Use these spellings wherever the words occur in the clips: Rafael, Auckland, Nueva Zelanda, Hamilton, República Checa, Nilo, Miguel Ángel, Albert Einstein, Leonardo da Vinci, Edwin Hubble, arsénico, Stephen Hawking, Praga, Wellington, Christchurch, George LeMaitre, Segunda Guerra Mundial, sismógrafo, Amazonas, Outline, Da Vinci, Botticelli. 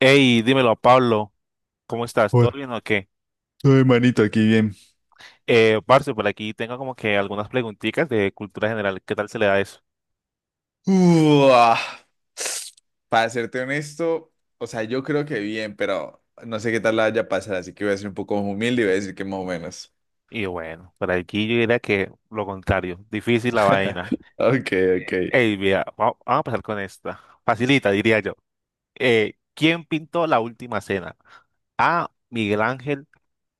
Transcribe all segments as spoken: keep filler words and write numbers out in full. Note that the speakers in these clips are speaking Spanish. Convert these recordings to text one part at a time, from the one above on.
Hey, dímelo, Pablo, ¿cómo estás? ¿Todo Joder, bien o qué? ay, manito, aquí bien. Eh, parce, por aquí tengo como que algunas preguntitas de cultura general. ¿Qué tal se le da eso? Uah. Para serte honesto, o sea, yo creo que bien, pero no sé qué tal la vaya a pasar, así que voy a ser un poco humilde y voy a decir que más o menos. Y bueno, por aquí yo diría que lo contrario, difícil la vaina. Ok, ok. Hey, mira, va- vamos a empezar con esta. Facilita, diría yo. Eh, ¿quién pintó la última cena? A. Miguel Ángel.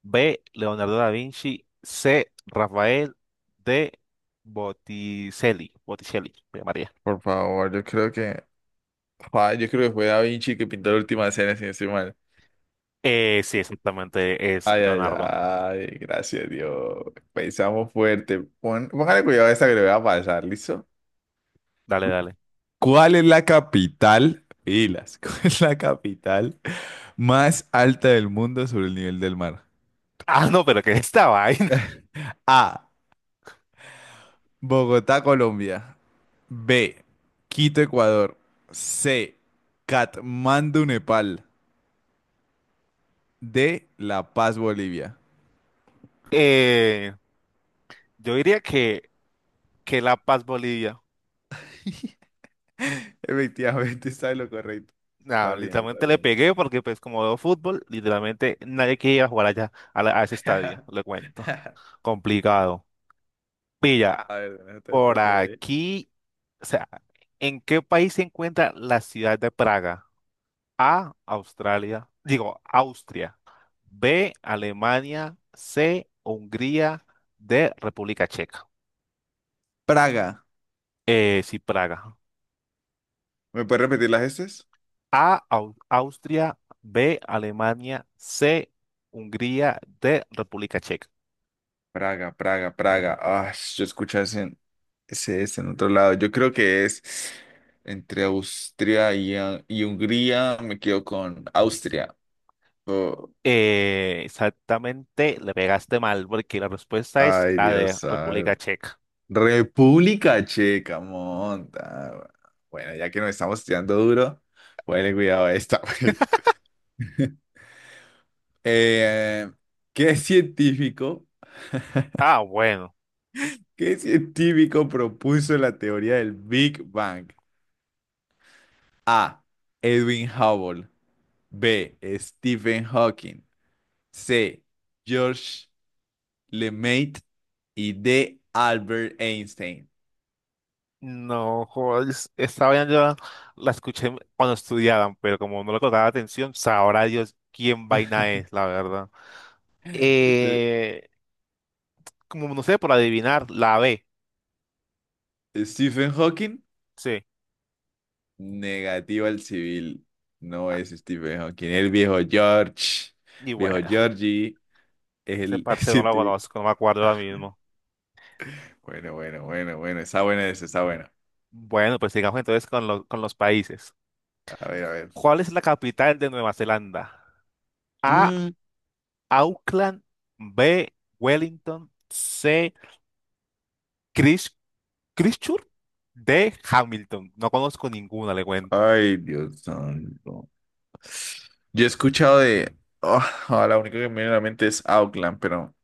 B. Leonardo da Vinci. C. Rafael. D. Botticelli. Botticelli, María. Por favor, yo creo que. Ah, yo creo que fue Da Vinci que pintó la última cena, si no estoy mal. Eh, sí, exactamente, es Ay, ay, Leonardo. ay, gracias Dios. Pensamos fuerte. Pon, póngale cuidado a esta que le voy a pasar, ¿listo? Dale, dale. ¿Cuál es la capital? Pilas, ¿cuál es la capital más alta del mundo sobre el nivel del mar? Ah, no, pero que esta vaina. A. Bogotá, Colombia. B. Quito, Ecuador. C. Katmandú, Nepal. D. La Paz, Bolivia. Eh, yo diría que, que La Paz Bolivia. Efectivamente, está en lo correcto. Nah, Está bien, está literalmente le bien. pegué porque pues como veo fútbol, literalmente nadie quería jugar allá a, la- a ese estadio, le cuento. Complicado. Pilla, A ver, déjate de por pronto por ahí. aquí, o sea, ¿en qué país se encuentra la ciudad de Praga? A, Australia, digo, Austria. B, Alemania. C, Hungría. D, República Checa. Praga. Eh, sí, Praga. ¿Me puedes repetir las estas? A, Au- Austria, B, Alemania, C, Hungría, D, República Checa. Praga, Praga, Praga. Ah, yo escuché ese, ese, ese en otro lado. Yo creo que es entre Austria y, ah, y Hungría. Me quedo con Austria. Oh, Eh, exactamente, le pegaste mal porque la respuesta es ay, la Dios de República santo. Checa. República Checa, monta. Bueno, ya que nos estamos tirando duro, ponle cuidado a esta. Eh, ¿qué científico, Ah, bueno. qué científico propuso la teoría del Big Bang? A. Edwin Hubble. B. Stephen Hawking. C. George LeMaitre. Y D. Albert Einstein. No, joder, es- esta vaina yo la escuché cuando estudiaban, pero como no le colocaba atención, sabrá Dios quién vaina es, la verdad. Este, Eh, Como no sé, por adivinar, la B. Stephen Hawking. Sí. Negativo al civil. No Ah, es Stephen Hawking. El viejo George. y Viejo bueno, Georgie es ese el parce no la científico. conozco, no me acuerdo ahora mismo. Bueno, bueno, bueno, bueno. Está bueno ese, está bueno. Bueno, pues sigamos entonces con, lo- con los países. A ver, a ver. ¿Cuál es la capital de Nueva Zelanda? A. Mm, Auckland. B. Wellington. C. Christ- Christchurch. D. Hamilton. No conozco ninguna, le cuento. Ay, Dios santo. Yo he escuchado de. Oh, ah, la única que me viene a la mente es Auckland, pero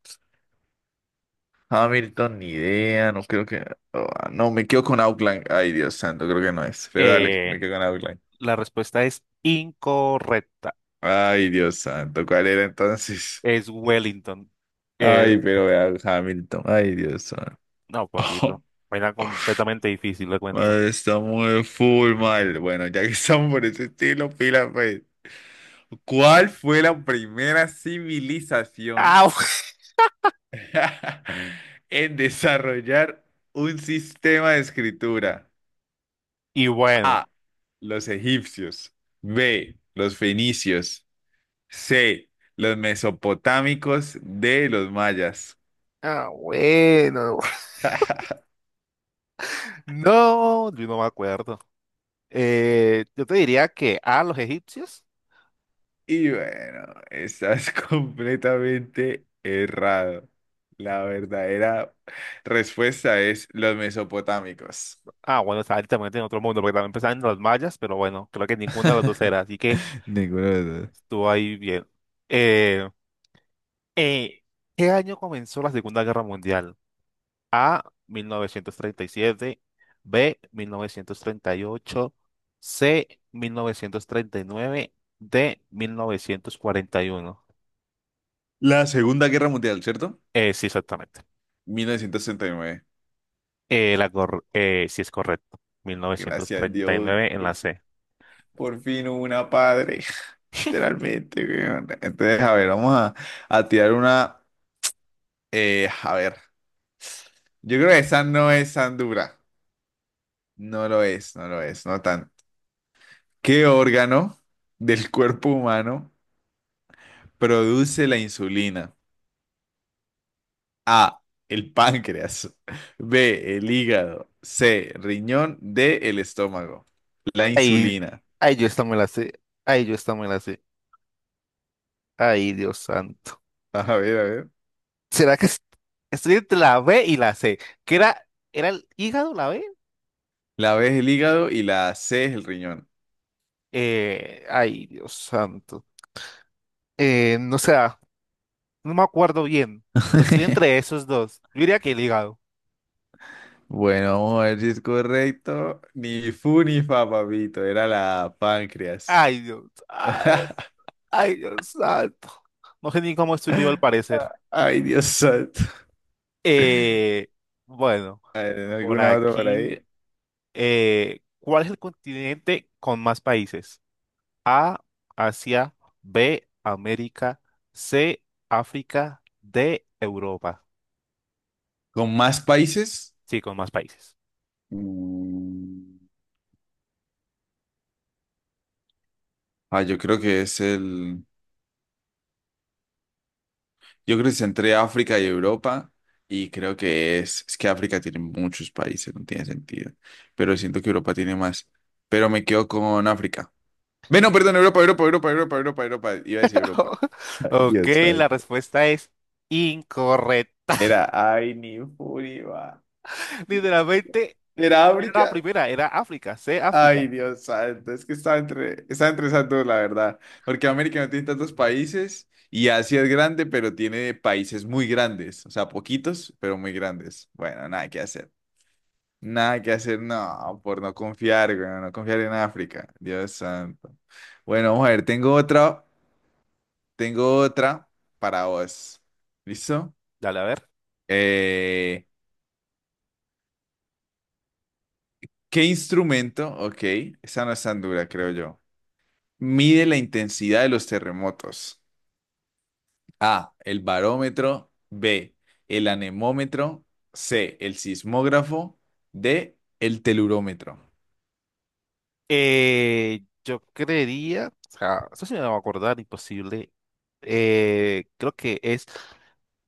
Hamilton, ni idea, no creo que... Ah, no, me quedo con Outline. Ay, Dios santo, creo que no es. Pero dale, me Eh, quedo con Outline. la respuesta es incorrecta. Ay, Dios santo, ¿cuál era entonces? Es Wellington. Eh, Ay, pero vea, Hamilton. Ay, Dios santo. no, papito. Era completamente difícil, le cuento. Madre, estamos de full mal. Bueno, ya que estamos por ese estilo, pila, pues. ¿Cuál fue la primera civilización ¡Au! en desarrollar un sistema de escritura? Y bueno. A. Los egipcios. B. Los fenicios. C. Los mesopotámicos. D. Los mayas. Ah, bueno. No, yo no me acuerdo. Eh, yo te diría que a los egipcios. Y bueno, estás completamente errado. La verdadera respuesta es los mesopotámicos. Ah, bueno, está también en otro mundo, porque también pensaban en los mayas, pero bueno, creo que ninguna de las dos era, así que Ninguno de los dos. estuvo ahí bien. Eh, eh, ¿Qué año comenzó la Segunda Guerra Mundial? A, mil novecientos treinta y siete. B, mil novecientos treinta y ocho. C, mil novecientos treinta y nueve. D, mil novecientos cuarenta y uno. La Segunda Guerra Mundial, ¿cierto? Eh, sí, exactamente. mil novecientos treinta y nueve. Eh, la cor- eh, sí, es correcto. mil novecientos Gracias a treinta y Dios, nueve en la por fin C. por fin hubo una padre. Literalmente, weón. Entonces, a ver, vamos a, a tirar una. Eh, a ver, yo creo que esa no es tan dura. No lo es, no lo es, no tan. ¿Qué órgano del cuerpo humano produce la insulina? A, el páncreas. B, el hígado. C, riñón. D, el estómago. La Ay, insulina. ay, yo esta me la sé. Ay, yo esta me la sé. Ay, Dios santo. A ver, a ver. ¿Será que es- ¿Estoy entre la B y la C? ¿Qué era? ¿Era el hígado la B? La B es el hígado y la C es el riñón. Eh, ay, Dios santo. Eh, no sé, ah, no me acuerdo bien, pero estoy entre esos dos. Yo diría que el hígado. Bueno, vamos a ver si es correcto. Ni fu ni fa, papito. Era la páncreas. Ay, Dios. Ay, ay, Dios santo. No sé ni cómo estoy vivo al parecer. Ay, Dios santo. Eh, bueno, A ver, ¿en por alguna otra por aquí. ahí? Eh, ¿cuál es el continente con más países? A, Asia. B, América. C, África. D, Europa. ¿Con más países? Sí, con más países. Mm. Ah, yo creo que es el... Yo creo que es entre África y Europa. Y creo que es... Es que África tiene muchos países, no tiene sentido. Pero siento que Europa tiene más. Pero me quedo con África. Bueno, perdón, Europa, Europa, Europa, Europa, Europa, Europa. Iba a decir Europa. Ay, Ok, Dios la santo. respuesta es incorrecta. Era, ay, ni furia. Literalmente ¿Era era la África? primera, era África, C, África. Ay, Dios santo, es que está entre, está entre esas dos, la verdad. Porque América no tiene tantos países y Asia es grande, pero tiene países muy grandes. O sea, poquitos, pero muy grandes. Bueno, nada que hacer. Nada que hacer, no, por no confiar, güey, no confiar en África. Dios santo. Bueno, vamos a ver, tengo otra, tengo otra para vos. ¿Listo? Dale, a ver. Eh, ¿qué instrumento? Ok, esa no es tan dura, creo yo. Mide la intensidad de los terremotos. A, el barómetro. B, el anemómetro. C, el sismógrafo. D, el telurómetro. Eh, yo creería, o sea, eso sí me va a acordar, imposible. Eh, creo que es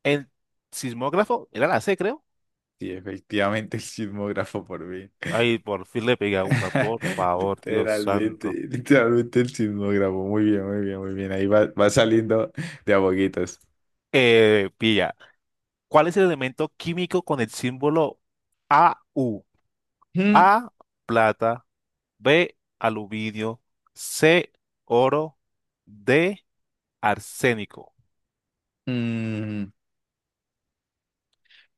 el sismógrafo, era la C, creo. Sí, efectivamente el sismógrafo por mí. Ay, por fin le pega una, por favor, Dios Literalmente, santo. literalmente el sismógrafo. Muy bien, muy bien, muy bien. Ahí va, va saliendo de a poquitos. Eh, pilla. ¿Cuál es el elemento químico con el símbolo A U? Mm, A, plata. B, aluminio. C, oro. D, arsénico. mm,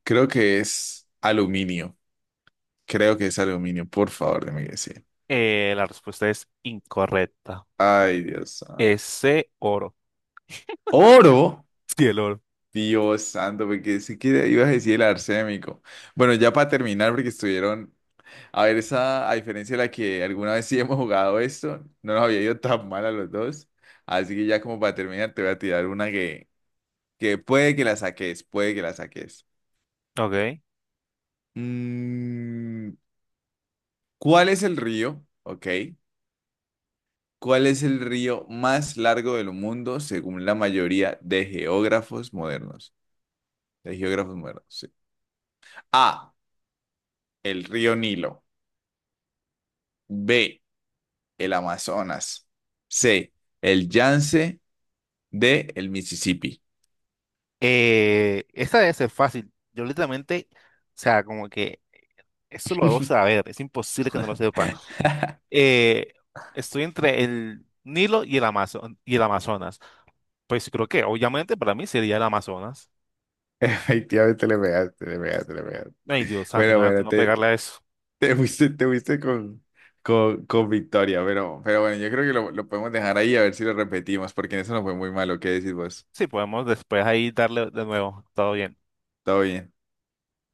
creo que es aluminio. Creo que es aluminio. Por favor, déjame decir. Eh, la respuesta es incorrecta. Ay, Dios santo. Es C, oro. Oro. Sí, el oro. Dios santo, porque si que ibas a decir el arsénico. Bueno, ya para terminar, porque estuvieron. A ver, esa, a diferencia de la que alguna vez sí hemos jugado esto, no nos había ido tan mal a los dos. Así que ya como para terminar, te voy a tirar una que, que puede que la saques, puede que la saques. Ok. Mm, ¿cuál es el río? Ok. ¿Cuál es el río más largo del mundo según la mayoría de geógrafos modernos? De geógrafos modernos, sí. A. El río Nilo. B. El Amazonas. C, el Yance. D, el Mississippi. Eh, esta debe ser fácil. Yo literalmente, o sea, como que eso lo debo saber. Es imposible que no lo sepa. eh, Estoy entre el Nilo y el Amazo- y el Amazonas. Pues creo que obviamente para mí sería el Amazonas. Efectivamente le pegaste, le pegaste, le pegaste. Ay, Dios santo, Bueno, imagínate bueno, no te, pegarle a eso. te fuiste, te fuiste con, con, con victoria, pero, pero bueno, yo creo que lo, lo podemos dejar ahí a ver si lo repetimos, porque en eso no fue muy malo. ¿Qué decís vos? Sí, podemos después ahí darle de nuevo. Todo bien. Todo bien.